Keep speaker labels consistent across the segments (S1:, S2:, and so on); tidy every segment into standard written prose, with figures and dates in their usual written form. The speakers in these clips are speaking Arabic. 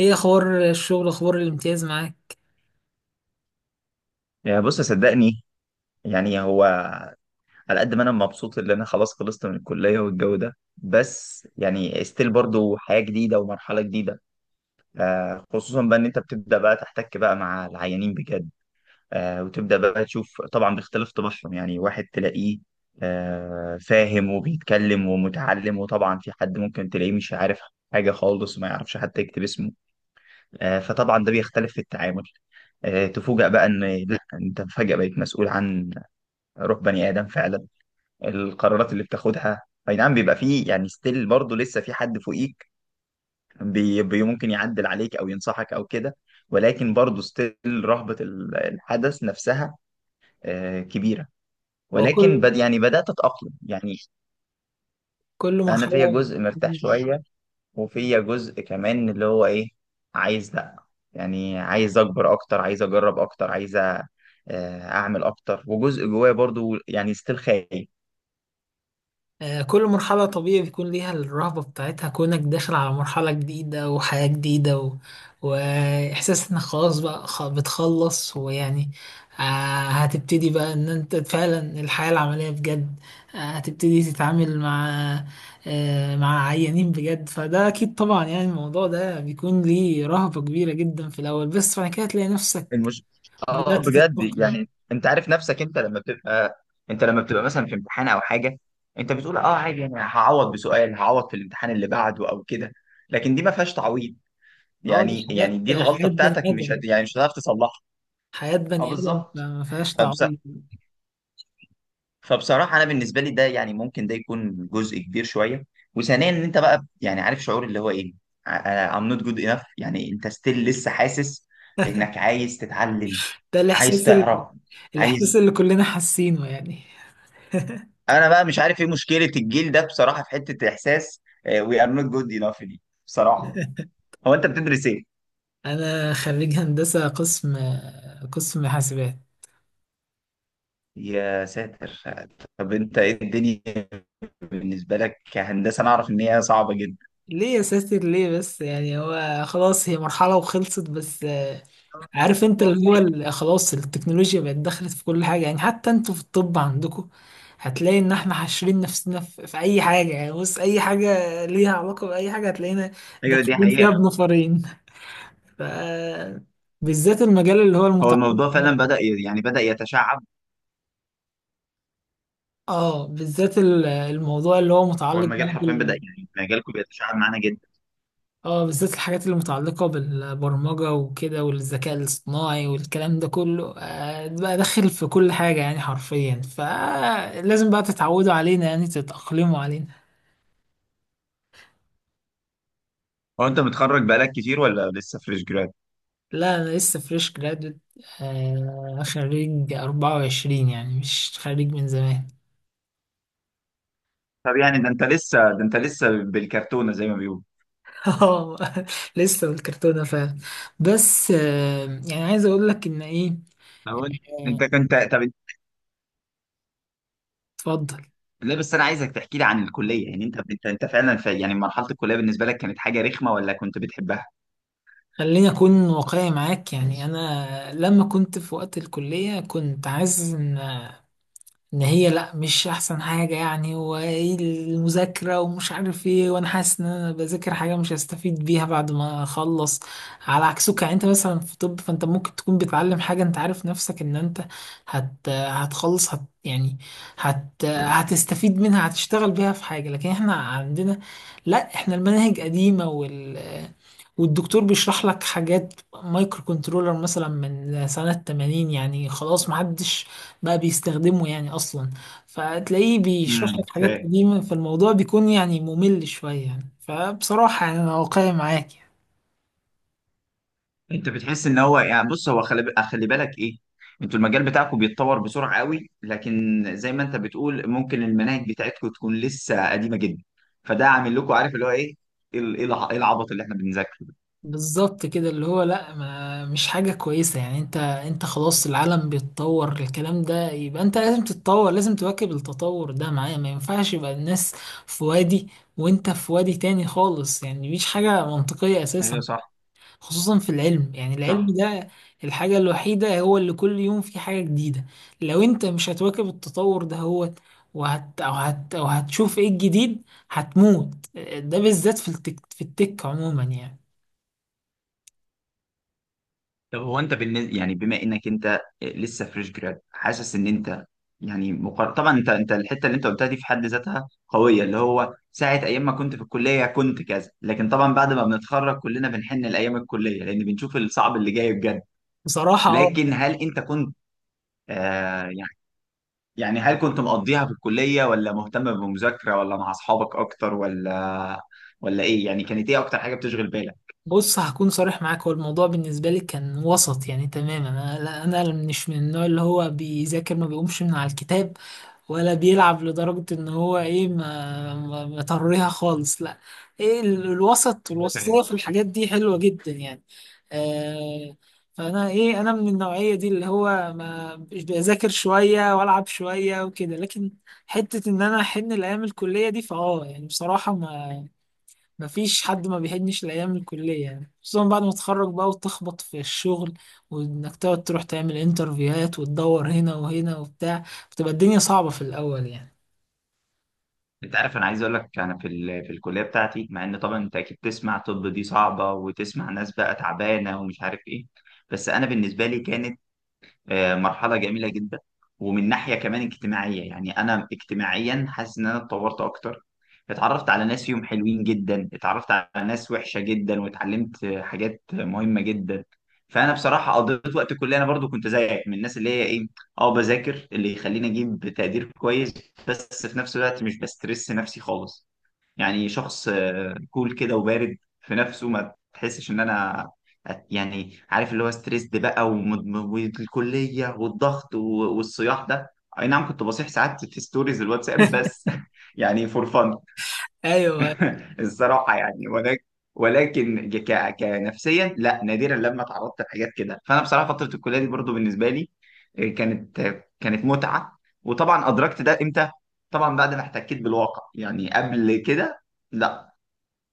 S1: ايه اخبار الشغل؟ اخبار الامتياز معاك؟
S2: يا بص، صدقني. يعني هو، على قد ما انا مبسوط ان انا خلاص خلصت من الكليه والجو ده، بس يعني ستيل برضو حياه جديده ومرحله جديده. خصوصا بقى ان انت بتبدا بقى تحتك بقى مع العيانين بجد. وتبدا بقى تشوف طبعا باختلاف طباعهم. يعني واحد تلاقيه فاهم وبيتكلم ومتعلم، وطبعا في حد ممكن تلاقيه مش عارف حاجه خالص وما يعرفش حتى يكتب اسمه. فطبعا ده بيختلف في التعامل. تفوجأ بقى ان، لا، انت فجأة بقيت مسؤول عن روح بني ادم فعلا، القرارات اللي بتاخدها. اي نعم، بيبقى فيه يعني ستيل برضه لسه في حد فوقيك، بي بي، ممكن يعدل عليك او ينصحك او كده، ولكن برضه ستيل رهبة الحدث نفسها كبيرة. ولكن
S1: وكل
S2: بد يعني بدأت أتأقلم يعني.
S1: كل كل
S2: أنا فيا
S1: مرحله.
S2: جزء مرتاح شوية، وفيا جزء كمان اللي هو إيه، عايز، لأ، يعني عايز أكبر أكتر، عايز أجرب أكتر، عايز أعمل أكتر. وجزء جوايا برضه يعني ستيل خايف.
S1: كل مرحله طبيعي بيكون ليها الرهبه بتاعتها، كونك داخل على مرحله جديده وحياه جديده واحساس انك خلاص بقى بتخلص ويعني. آه، هتبتدي بقى ان انت فعلا الحياه العمليه بجد. هتبتدي تتعامل مع، مع عيانين بجد، فده اكيد طبعا يعني الموضوع ده بيكون ليه رهبه كبيره جدا في الاول، بس بعد كده تلاقي نفسك
S2: المش... اه
S1: بدأت
S2: بجد،
S1: تتأقلم.
S2: يعني انت عارف نفسك انت لما بتبقى مثلا في امتحان او حاجه، انت بتقول اه عادي، يعني هعوض بسؤال، هعوض في الامتحان اللي بعده او كده. لكن دي ما فيهاش تعويض.
S1: اه دي
S2: يعني
S1: حياة،
S2: يعني دي
S1: حياة
S2: الغلطه
S1: بني
S2: بتاعتك، مش
S1: آدم،
S2: هت... يعني مش هتعرف تصلحها.
S1: حياة
S2: اه
S1: بني آدم
S2: بالظبط.
S1: فما فيهاش
S2: فبص...
S1: تعويض.
S2: فبصراحه انا بالنسبه لي، ده يعني ممكن ده يكون جزء كبير شويه. وثانيا ان انت بقى يعني عارف شعور اللي هو ايه، I- I'm not good enough. يعني انت ستيل لسه حاسس انك عايز تتعلم،
S1: ده
S2: عايز
S1: الإحساس،
S2: تعرف، عايز.
S1: الإحساس اللي كلنا حاسينه يعني.
S2: انا بقى مش عارف ايه مشكله الجيل ده بصراحه، في حته احساس وي ار نوت جود انف دي بصراحه. هو انت بتدرس ايه؟
S1: أنا خريج هندسة، قسم حاسبات.
S2: يا ساتر. طب انت ايه الدنيا بالنسبه لك كهندسه؟ انا اعرف ان هي صعبه جدا.
S1: ليه يا ساتر ليه بس؟ يعني هو خلاص، هي مرحلة وخلصت بس. عارف انت اللي هو خلاص التكنولوجيا بقت دخلت في كل حاجة، يعني حتى انتوا في الطب عندكم هتلاقي ان احنا حاشرين نفسنا في اي حاجة، يعني بص اي حاجة ليها علاقة بأي حاجة هتلاقينا
S2: ايوه دي
S1: داخلين فيها
S2: حقيقه.
S1: بنفرين. ف بالذات المجال اللي هو
S2: هو
S1: المتعلق.
S2: الموضوع فعلا بدا يعني بدا يتشعب.
S1: اه بالذات الموضوع اللي هو
S2: هو
S1: متعلق بقى،
S2: المجال حرفيا بدا، يعني مجالكم بيتشعب معانا جدا.
S1: بالذات الحاجات اللي متعلقة بالبرمجة وكده والذكاء الاصطناعي والكلام ده كله، آه بقى داخل في كل حاجة يعني حرفيا، فلازم بقى تتعودوا علينا، يعني تتأقلموا علينا.
S2: هو انت متخرج بقالك كتير ولا لسه فريش جراد؟
S1: لا أنا لسه فريش جرادويت، آه خريج 24، يعني مش خريج من زمان.
S2: طب يعني ده انت لسه بالكرتونه زي ما بيقولوا.
S1: اه لسه بالكرتونة فعلا. بس، يعني عايز اقول لك ان ايه.
S2: هو
S1: آه،
S2: انت كنت طب؟
S1: اتفضل.
S2: لا بس انا عايزك تحكي لي عن الكليه. يعني انت فعلا في يعني مرحله الكليه بالنسبه لك كانت حاجه رخمه ولا كنت بتحبها؟
S1: خليني اكون واقعي معاك، يعني انا لما كنت في وقت الكلية كنت عايز ان هي، لا مش احسن حاجة يعني، وايه المذاكرة ومش عارف ايه، وانا حاسس ان انا بذاكر حاجة مش هستفيد بيها بعد ما اخلص. على عكسك يعني، انت مثلا في طب فانت ممكن تكون بتعلم حاجة انت عارف نفسك ان انت هتخلص، يعني هتستفيد منها، هتشتغل بيها في حاجة. لكن احنا عندنا، لا احنا المناهج قديمة والدكتور بيشرح لك حاجات مايكرو كنترولر مثلا من سنة 80، يعني خلاص محدش بقى بيستخدمه يعني اصلا، فتلاقيه بيشرح
S2: امم،
S1: لك حاجات
S2: اوكي.
S1: قديمة، فالموضوع بيكون يعني ممل شوية يعني، فبصراحة يعني انا واقعي معاك يعني.
S2: انت بتحس ان هو يعني، بص، هو خلي خلي بالك ايه، انتوا المجال بتاعكم بيتطور بسرعه قوي، لكن زي ما انت بتقول ممكن المناهج بتاعتكم تكون لسه قديمه جدا. فده عامل لكم عارف اللي هو ايه، ال- ايه الع- إيه العبط اللي احنا بنذاكره ده.
S1: بالظبط كده، اللي هو لا ما مش حاجة كويسة، يعني انت خلاص، العالم بيتطور الكلام ده، يبقى انت لازم تتطور، لازم تواكب التطور ده معاه، ما ينفعش يبقى الناس في وادي وانت في وادي تاني خالص يعني، مفيش حاجة منطقية اساسا.
S2: ايوه صح.
S1: خصوصا في العلم، يعني العلم
S2: صح.
S1: ده الحاجة الوحيدة هو اللي كل يوم في حاجة جديدة، لو انت مش هتواكب التطور ده هو وهت أو هت أو هتشوف ايه الجديد، هتموت. ده بالذات في التك، في التك عموما يعني.
S2: طب هو انت بالنسبه، يعني بما انك انت لسه فريش جراد، حاسس ان انت طبعا انت الحته اللي انت قلتها دي في حد ذاتها قويه، اللي هو ساعه ايام ما كنت في الكليه كنت كذا، لكن طبعا بعد ما بنتخرج كلنا بنحن لايام الكليه، لان بنشوف الصعب اللي جاي بجد.
S1: بصراحة
S2: لكن هل انت كنت، آه يعني يعني هل كنت مقضيها في الكليه، ولا مهتم بالمذاكره، ولا مع اصحابك اكتر، ولا ولا ايه؟ يعني كانت ايه اكتر حاجه بتشغل
S1: بص هكون صريح معاك، هو الموضوع بالنسبة لي كان وسط يعني تماما. أنا مش من النوع اللي هو بيذاكر ما بيقومش من على الكتاب، ولا بيلعب لدرجة إن هو إيه مطريها خالص لا. إيه الوسط
S2: بالك؟
S1: والوسطية في الحاجات دي حلوة جدا يعني. آه فأنا إيه، أنا من النوعية دي اللي هو ما مش بذاكر شوية وألعب شوية وكده. لكن حتة إن أنا أحن الأيام الكلية دي فأه، يعني بصراحة، ما مفيش حد ما بيحنش لأيام الكلية يعني، خصوصا بعد ما تتخرج بقى وتخبط في الشغل، وإنك تقعد تروح تعمل انترفيوهات وتدور هنا وهنا وبتاع، بتبقى الدنيا صعبة في الأول يعني.
S2: انت عارف، انا عايز اقول لك، انا في في الكليه بتاعتي، مع ان طبعا انت اكيد تسمع طب دي صعبه، وتسمع ناس بقى تعبانه ومش عارف ايه، بس انا بالنسبه لي كانت مرحلة جميلة جدا. ومن ناحية كمان اجتماعية، يعني أنا اجتماعيا حاسس إن أنا اتطورت أكتر. اتعرفت على ناس فيهم حلوين جدا، اتعرفت على ناس وحشة جدا، واتعلمت حاجات مهمة جدا. فأنا بصراحة قضيت وقت الكلية، أنا برضو كنت زيك من الناس اللي هي إيه، أه بذاكر اللي يخليني أجيب تقدير كويس، بس في نفس الوقت مش بسترس نفسي خالص. يعني شخص كول كده وبارد في نفسه، ما تحسش ان انا يعني عارف اللي هو ستريسد بقى، والكليه والضغط والصياح ده. اي نعم كنت بصيح ساعات في ستوريز الواتساب بس يعني فور فن.
S1: أيوه.
S2: الصراحه يعني. ولكن، ولكن ك... كنفسيا، لا، نادرا لما تعرضت لحاجات كده. فانا بصراحه فتره الكليه دي برضو بالنسبه لي كانت، كانت متعه. وطبعا ادركت ده امتى؟ طبعا بعد ما احتكيت بالواقع، يعني قبل كده لا.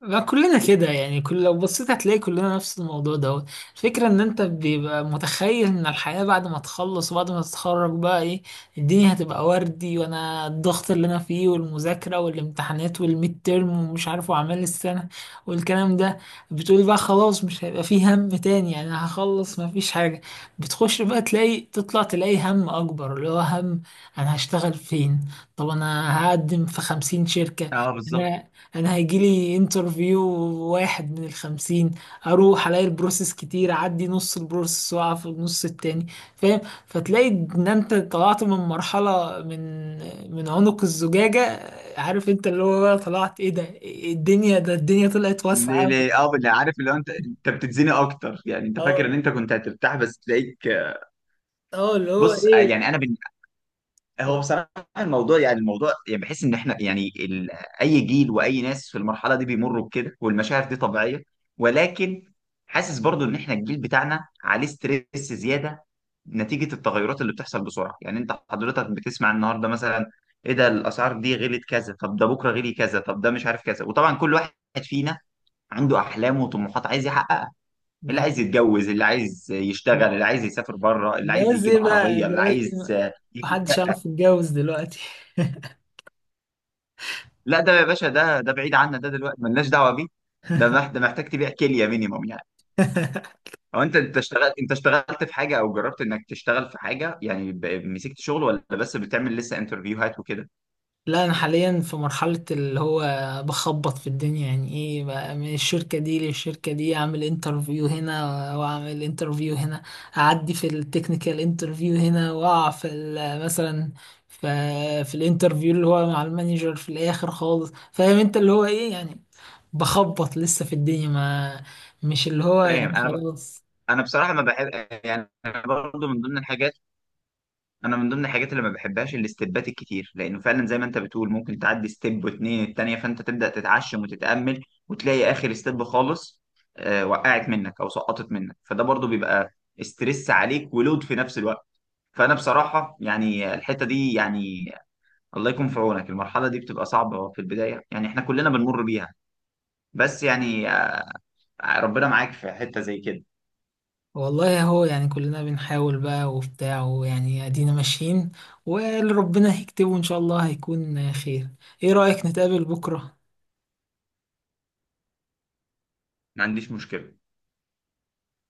S1: ما كلنا كده يعني، كل لو بصيت هتلاقي كلنا نفس الموضوع ده. الفكرة ان انت بيبقى متخيل ان الحياة بعد ما تخلص وبعد ما تتخرج بقى ايه، الدنيا هتبقى وردي، وانا الضغط اللي انا فيه والمذاكرة والامتحانات والميد تيرم ومش عارف واعمال السنة والكلام ده، بتقول بقى خلاص مش هيبقى فيه هم تاني يعني، هخلص ما فيش حاجة. بتخش بقى تلاقي، تطلع تلاقي هم اكبر، اللي هو هم انا هشتغل فين؟ طب انا هقدم في خمسين شركة،
S2: اه بالظبط.
S1: انا هيجيلي انترفيو واحد من الخمسين، اروح الاقي البروسيس كتير، اعدي نص البروسيس واقع في النص التاني، فاهم؟ فتلاقي ان انت طلعت من مرحلة، من عنق الزجاجة، عارف انت اللي هو بقى طلعت ايه ده، إيه الدنيا، ده الدنيا طلعت واسعة
S2: ليه
S1: أوي.
S2: ليه اه، اللي عارف اللي هو انت بتتزني اكتر. يعني انت فاكر ان
S1: اه
S2: انت كنت هترتاح بس تلاقيك.
S1: اه، اللي هو
S2: بص،
S1: ايه.
S2: يعني هو بصراحه الموضوع، يعني بحس ان احنا يعني اي جيل واي ناس في المرحله دي بيمروا بكده، والمشاعر دي طبيعيه. ولكن حاسس برضو ان احنا الجيل بتاعنا عليه ستريس زياده، نتيجه التغيرات اللي بتحصل بسرعه. يعني انت حضرتك بتسمع النهارده مثلا، ايه ده؟ الاسعار دي غلت كذا، طب ده بكره غلي كذا، طب ده مش عارف كذا. وطبعا كل واحد فينا عنده احلام وطموحات عايز يحققها. اللي عايز
S1: نعم.
S2: يتجوز، اللي عايز يشتغل، اللي عايز يسافر بره، اللي عايز
S1: جواز
S2: يجيب
S1: ايه بقى؟
S2: عربيه، اللي
S1: جواز
S2: عايز يجيب
S1: محدش
S2: شقه.
S1: يعرف يتجوز دلوقتي.
S2: لا ده يا باشا، ده بعيد عنا، ده دلوقتي ملناش دعوه بيه. ده محتاج تبيع كليه مينيموم يعني. او انت، انت اشتغلت في حاجه، او جربت انك تشتغل في حاجه يعني، مسكت شغل، ولا بس بتعمل لسه انترفيوهات وكده؟
S1: لا انا حاليا في مرحله اللي هو بخبط في الدنيا، يعني ايه بقى، من الشركه دي للشركه دي، اعمل انترفيو هنا واعمل انترفيو هنا، اعدي في التكنيكال انترفيو هنا، واقع في مثلا في في الانترفيو اللي هو مع المانجر في الاخر خالص، فاهم انت اللي هو ايه يعني، بخبط لسه في الدنيا، ما مش اللي هو
S2: فاهم.
S1: يعني خلاص.
S2: انا بصراحه ما بحب يعني، برضه من ضمن الحاجات، اللي ما بحبهاش الاستبات الكتير، لانه فعلا زي ما انت بتقول ممكن تعدي ستيب واتنين التانية، فانت تبدا تتعشم وتتامل، وتلاقي اخر ستيب خالص وقعت منك او سقطت منك. فده برضو بيبقى استرس عليك ولود في نفس الوقت. فانا بصراحه يعني الحته دي يعني، الله يكون في عونك. المرحله دي بتبقى صعبه في البدايه، يعني احنا كلنا بنمر بيها. بس يعني ربنا معاك في حته زي كده.
S1: والله اهو يعني، كلنا بنحاول بقى وبتاع ويعني ادينا ماشيين، واللي ربنا هيكتبه ان شاء الله هيكون خير. ايه رأيك نتقابل بكرة؟
S2: ما عنديش مشكله.